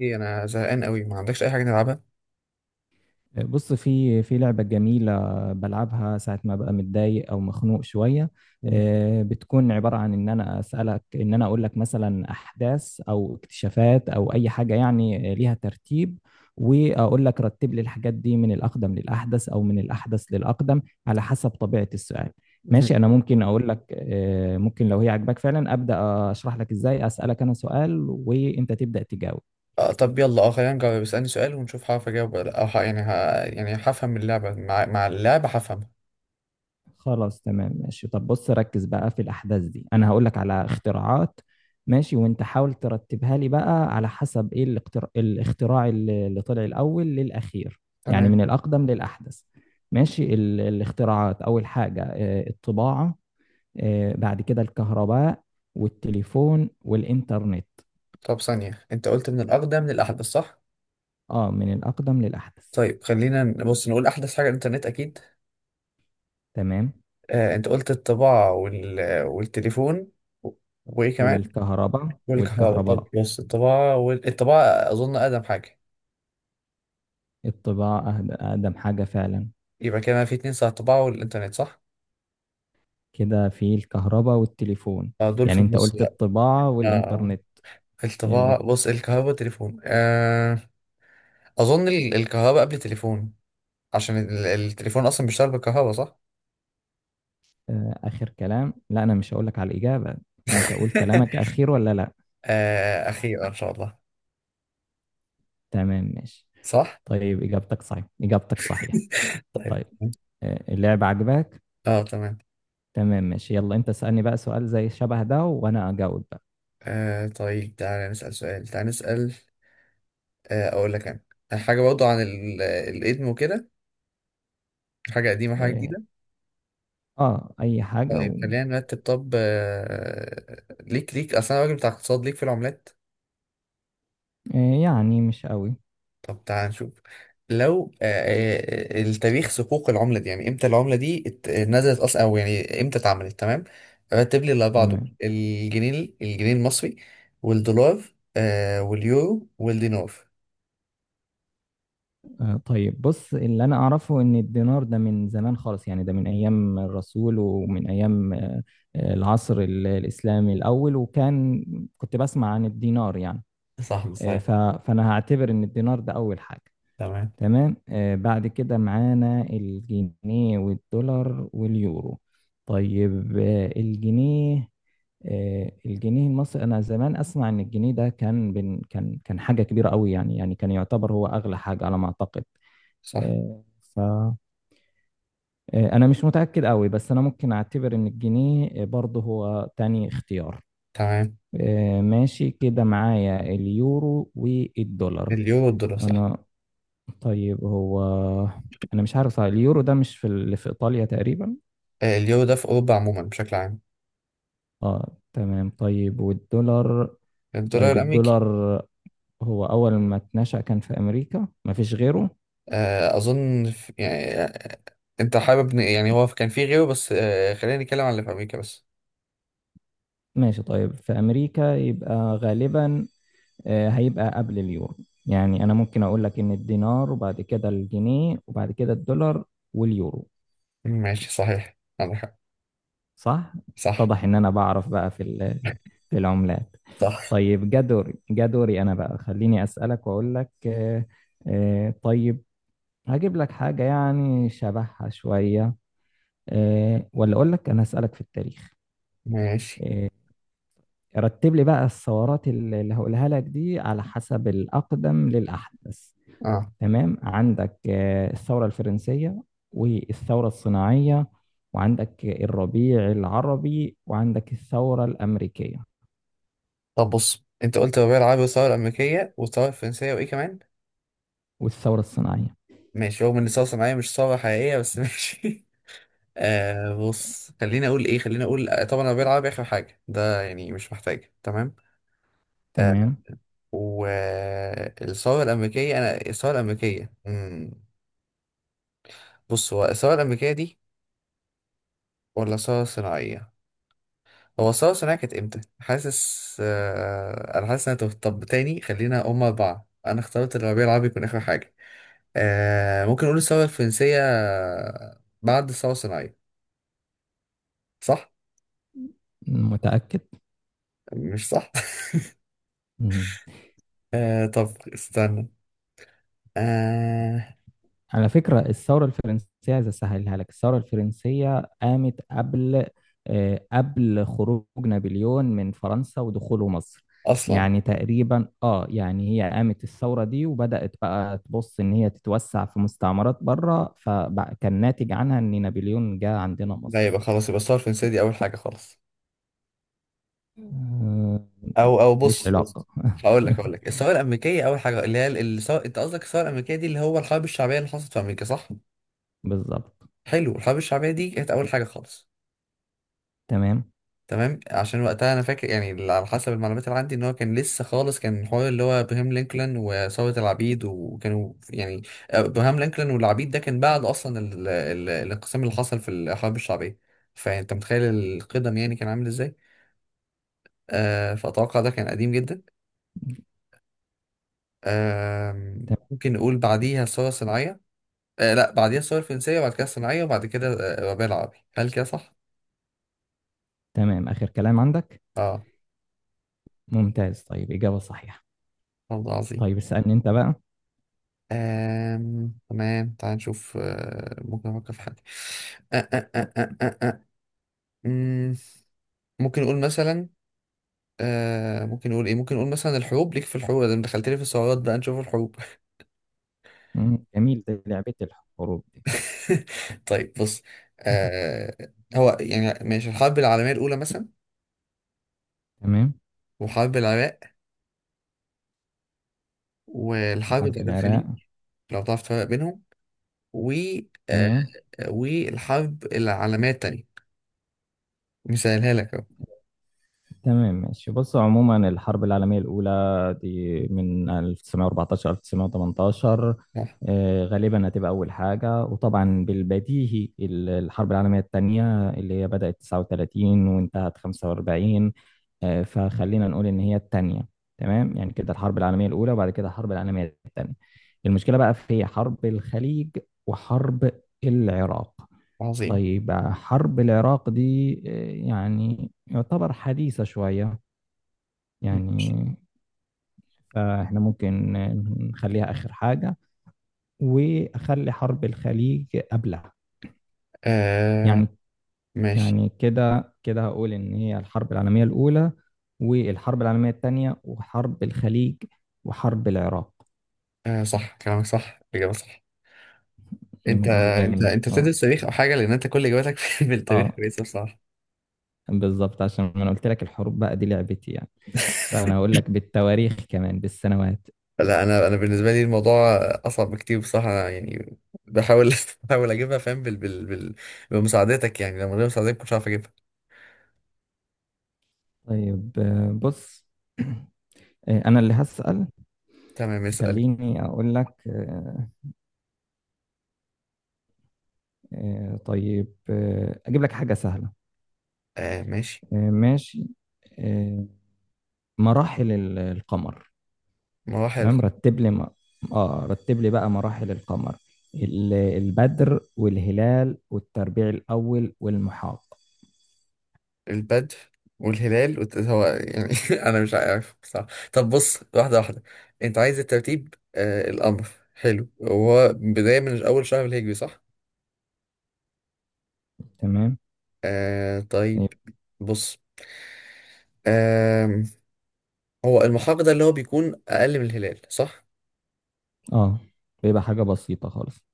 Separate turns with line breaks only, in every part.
ايه انا زهقان قوي ما عندكش اي حاجه نلعبها؟
بص في لعبة جميلة بلعبها ساعة ما ببقى متضايق أو مخنوق شوية.
مم.
بتكون عبارة عن إن أنا أسألك، إن أنا أقول لك مثلا أحداث أو اكتشافات أو أي حاجة يعني ليها ترتيب، وأقول لك رتب لي الحاجات دي من الأقدم للأحدث أو من الأحدث للأقدم على حسب طبيعة السؤال.
مهم.
ماشي، أنا ممكن أقول لك، ممكن لو هي عجباك فعلا أبدأ أشرح لك إزاي أسألك أنا سؤال وأنت تبدأ تجاوب.
طب يلا خلينا نجاوب، اسالني سؤال ونشوف هعرف اجاوب ولا لا. او ه- يعني ه... يعني هفهم اللعبه مع اللعبه هفهمها.
خلاص تمام ماشي، طب بص ركز بقى في الأحداث دي، أنا هقولك على اختراعات ماشي، وأنت حاول ترتبها لي بقى على حسب إيه الاختراع، الاختراع اللي طلع الأول للأخير، يعني
تمام.
من الأقدم للأحدث. ماشي، الاختراعات، أول حاجة الطباعة، بعد كده الكهرباء والتليفون والإنترنت.
طب ثانيه، انت قلت من الاقدم للاحدث صح؟
آه، من الأقدم للأحدث.
طيب خلينا نبص نقول احدث حاجه الانترنت اكيد.
تمام.
آه انت قلت الطباعه والتليفون و- وايه كمان؟
والكهرباء
والكهرباء. طب
والكهرباء
بص الطباعه الطباعه اظن اقدم حاجه.
الطباعة أقدم حاجة فعلا.
يبقى كده في اتنين صح، الطباعه والانترنت صح.
كده في الكهرباء والتليفون.
آه دول في
يعني انت
النص
قلت
بقى.
الطباعة
آه آه.
والإنترنت، اللي،
الطباعة بص الكهرباء والتليفون. آه أظن الكهرباء قبل التليفون، عشان التليفون أصلا بيشتغل بالكهرباء صح؟
آخر كلام. لا أنا مش هقولك على الإجابة، انت قول كلامك أخير ولا لا.
آه أخيرا إن شاء الله.
تمام ماشي،
صح؟
طيب إجابتك إجابتك صحيحة.
طيب.
طيب، اللعبة عجباك.
اه تمام.
تمام ماشي، يلا انت اسألني بقى سؤال زي شبه ده وأنا أجاوب بقى.
آه طيب تعالى نسأل سؤال، تعالى نسأل. آه أقول لك. أنا حاجة برضو عن الإدم وكده، حاجة قديمة حاجة
اه.
جديدة.
أي حاجة
طيب خلينا نرتب. طب ليك أصلا راجل بتاع اقتصاد، ليك في العملات؟
يعني مش قوي.
طب تعال نشوف. لو التاريخ صكوك العملة دي، يعني امتى العملة دي نزلت اصلا، او يعني امتى اتعملت. تمام، رتب لي الاربعة دول:
تمام.
الجنيه، الجنيه المصري، والدولار، واليورو والدينار.
طيب بص، اللي انا اعرفه ان الدينار ده من زمان خالص، يعني ده من ايام الرسول ومن ايام، العصر الاسلامي الاول، وكان كنت بسمع عن الدينار يعني.
صح
آه،
صحيح.
ف- فانا هعتبر ان الدينار ده اول حاجة.
تمام.
تمام، بعد كده معانا الجنيه والدولار واليورو. طيب، الجنيه، الجنيه المصري، انا زمان اسمع ان الجنيه ده كان بن كان كان حاجه كبيره قوي، يعني كان يعتبر هو اغلى حاجه على ما اعتقد.
صح.
فأنا مش متأكد قوي، بس أنا ممكن أعتبر إن الجنيه برضه هو تاني اختيار.
تمام
ماشي، كده معايا اليورو والدولار.
اليورو والدولار صح.
أنا طيب هو أنا مش عارف صح، اليورو ده مش في اللي في إيطاليا تقريبا.
اليورو ده في أوروبا عموما بشكل عام.
آه تمام، طيب والدولار.
الدولار
طيب
الأمريكي.
الدولار، هو أول ما اتنشأ كان في أمريكا مفيش غيره.
أظن في يعني أنت حابب يعني هو كان في غيره، بس خلينا نتكلم عن اللي في أمريكا بس.
ماشي، طيب في أمريكا يبقى غالبا، هيبقى قبل اليورو. يعني انا ممكن اقول لك ان الدينار وبعد كده الجنيه وبعد كده الدولار واليورو.
ماشي صحيح عندك حق.
صح.
صح.
اتضح ان انا بعرف بقى في العملات.
صح.
طيب، جدوري انا بقى خليني اسالك واقول لك، طيب هجيب لك حاجه يعني شبهها شويه، ولا اقول لك انا اسالك في التاريخ.
ماشي.
رتب لي بقى الثورات اللي هقولها لك دي على حسب الاقدم للاحدث.
اه
تمام، عندك الثورة الفرنسية والثورة الصناعية، وعندك الربيع العربي، وعندك الثورة الأمريكية
طب بص انت قلت ببيع العربي والثورة الأمريكية والثورة الفرنسية وإيه كمان؟
والثورة الصناعية.
ماشي، رغم إن الثورة الصناعية مش ثورة حقيقية بس ماشي. آه بص خليني أقول إيه، خليني أقول طبعا أنا ببيع العربي آخر حاجة، ده يعني مش محتاج. تمام. آه.
تمام.
والثورة الأمريكية، أنا الثورة الأمريكية مم. بص هو الثورة الأمريكية دي ولا الثورة الصناعية؟ هو الثورة الصناعية كانت إمتى؟ حاسس أنا حاسس إن أنا تهت. طب تاني خلينا، هما أربعة، أنا اخترت الربيع العربي يكون آخر حاجة. آه ممكن نقول الثورة الفرنسية بعد الثورة الصناعية صح؟
متأكد.
مش صح؟
مم.
آه طب استنى. آه.
على فكرة الثورة الفرنسية عايز أسهلها لك، الثورة الفرنسية قامت قبل، قبل خروج نابليون من فرنسا ودخوله مصر.
أصلا
يعني تقريبا اه، يعني هي قامت الثورة دي وبدأت بقى تبص إن هي تتوسع في مستعمرات بره، فكان ناتج عنها إن نابليون جه عندنا
لا،
مصر.
يبقى خلاص، يبقى الثورة الفرنسية دي أول حاجة خالص.
مم.
أو
ماليش
بص بص،
علاقة.
هقول لك هقول لك الثورة الأمريكية أول حاجة اللي هي الثورة، أنت قصدك الثورة الأمريكية دي اللي هو الحرب الشعبية اللي حصلت في أمريكا صح؟
بالظبط.
حلو، الحرب الشعبية دي كانت أول حاجة خالص.
تمام.
تمام عشان وقتها انا فاكر، يعني اللي على حسب المعلومات اللي عندي ان هو كان لسه خالص، كان الحوار اللي هو ابراهام لينكولن وثورة العبيد، وكانوا يعني ابراهام لينكولن والعبيد ده كان بعد اصلا الانقسام اللي حصل في الحرب الشعبية، فانت متخيل القدم يعني كان عامل ازاي. فاتوقع ده كان قديم جدا. آه
ت-
ممكن نقول بعديها الثورة الصناعية. آه لا، بعديها الثورة الفرنسية وبعد كده الصناعية وبعد كده الربيع العربي. هل كده صح؟
تمام آخر كلام عندك.
اه.
ممتاز، طيب إجابة صحيحة.
والله عظيم.
طيب اسألني أنت بقى.
تمام تعال نشوف، ممكن أفكر في حاجة. آ- آ- آ- آ- آ- آ. مم، ممكن نقول مثلا. ممكن نقول إيه، ممكن نقول مثلا الحروب. ليك في الحروب، ده دخلت لي في السعرات، بقى نشوف الحروب.
مم، جميل ده، لعبة الحروب دي.
طيب بص. آه... هو يعني ماشي الحرب العالمية الأولى مثلا،
تمام.
وحرب العراق، والحرب
وحرب
بتاعت
العراق.
الخليج، لو تعرف تفرق بينهم، و آه...
تمام.
والحرب العالمية التانية، مثالها لك أهو.
تمام ماشي بص، عموما الحرب العالمية الأولى دي من 1914 1918.
آه،
غالبا هتبقى أول حاجة. وطبعا بالبديهي الحرب العالمية الثانية اللي هي بدأت 39 وانتهت 45، فخلينا نقول إن هي الثانية. تمام، يعني كده الحرب العالمية الأولى وبعد كده الحرب العالمية الثانية. المشكلة بقى في حرب الخليج وحرب العراق.
عظيم.
طيب حرب العراق دي يعني يعتبر حديثة شوية
ماشي.
يعني، فاحنا ممكن نخليها آخر حاجة وأخلي حرب الخليج قبلها
آه...
يعني.
ماشي.
يعني كده كده هقول إن هي الحرب العالمية الأولى والحرب العالمية الثانية وحرب الخليج وحرب العراق.
آه صح كلامك صح، الإجابة صح. أنت أنت
جميل.
أنت بتدرس تاريخ أو حاجة، لأن أنت كل إجاباتك في التاريخ
اه،
كويسة بصراحة.
بالظبط، عشان انا قلت لك الحروب بقى دي لعبتي يعني، فأنا هقول لك بالتواريخ كمان بالسنوات.
لا أنا بالنسبة لي الموضوع أصعب بكتير بصراحة، أنا يعني بحاول بحاول أجيبها فاهم بمساعدتك، يعني لو من غير مساعدتك مش هعرف أجيبها.
طيب، بص، أنا اللي هسأل.
تمام اسأل.
خليني أقول لك، طيب، أجيب لك حاجة سهلة.
آه ماشي.
ماشي، آه، مراحل القمر.
مراحل
تمام، رتب لي بقى مراحل القمر، البدر والهلال والتربيع الأول والمحاق.
البدء والهلال هو يعني أنا مش عارف بصراحة. طب بص، واحدة واحدة. أنت عايز الترتيب، الأمر حلو. هو بداية من أول شهر الهجري صح؟
تمام.
آه طيب
يب-
بص. آه. هو المحاق ده اللي هو بيكون اقل من الهلال صح.
آه بيبقى حاجة بسيطة خالص.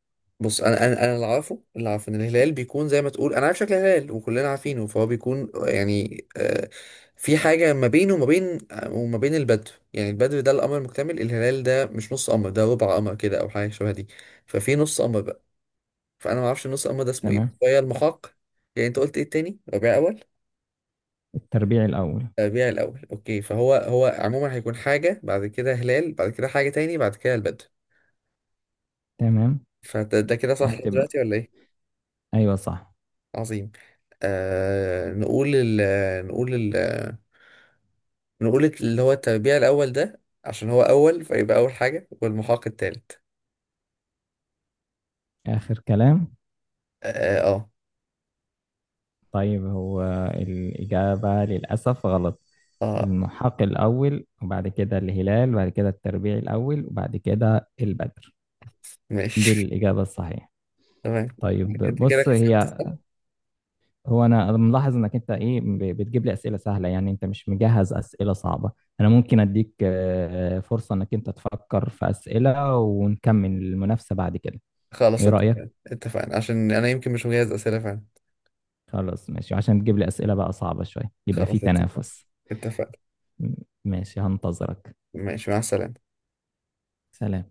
بص انا اللي عارفه ان الهلال بيكون زي ما تقول، انا عارف شكل الهلال وكلنا عارفينه، فهو بيكون يعني آه في حاجه ما بينه وما بين البدو، يعني البدو ده القمر المكتمل. الهلال ده مش نص قمر، ده ربع قمر كده او حاجه شبه دي، ففي نص قمر بقى، فانا ما اعرفش النص قمر ده اسمه ايه، بس
تمام.
هي المحاق. يعني انت قلت ايه التاني، ربيع اول؟
التربيع الأول.
تربيع الأول أوكي. فهو عموما هيكون حاجة بعد كده هلال، بعد كده حاجة تاني، بعد كده البدر.
تمام.
فده كده صح لحد
هتبقى
دلوقتي ولا إيه؟
أيوة صح.
عظيم. آه نقول ال نقول اللي هو التربيع الأول ده عشان هو أول، فيبقى أول حاجة والمحاق التالت.
آخر كلام.
آه آه,
طيب هو الإجابة للأسف غلط.
آه
المحاق الأول وبعد كده الهلال وبعد كده التربيع الأول وبعد كده البدر. دي
ماشي.
الإجابة الصحيحة.
تمام.
طيب
أنت كده
بص،
كسبت
هي
صح؟
هو أنا ملاحظ إنك أنت إيه بتجيب لي أسئلة سهلة، يعني أنت مش مجهز أسئلة صعبة. أنا ممكن أديك فرصة إنك أنت تفكر في أسئلة ونكمل المنافسة بعد كده.
خلاص
إيه رأيك؟
اتفقنا، اتفقنا عشان أنا يمكن مش مجهز أسئلة فعلا.
خلاص ماشي، وعشان تجيب لي أسئلة بقى صعبة شوية يبقى في
خلاص اتفقنا.
تنافس.
اتفقنا.
ماشي، هنتظرك.
ماشي مع السلامة.
سلام.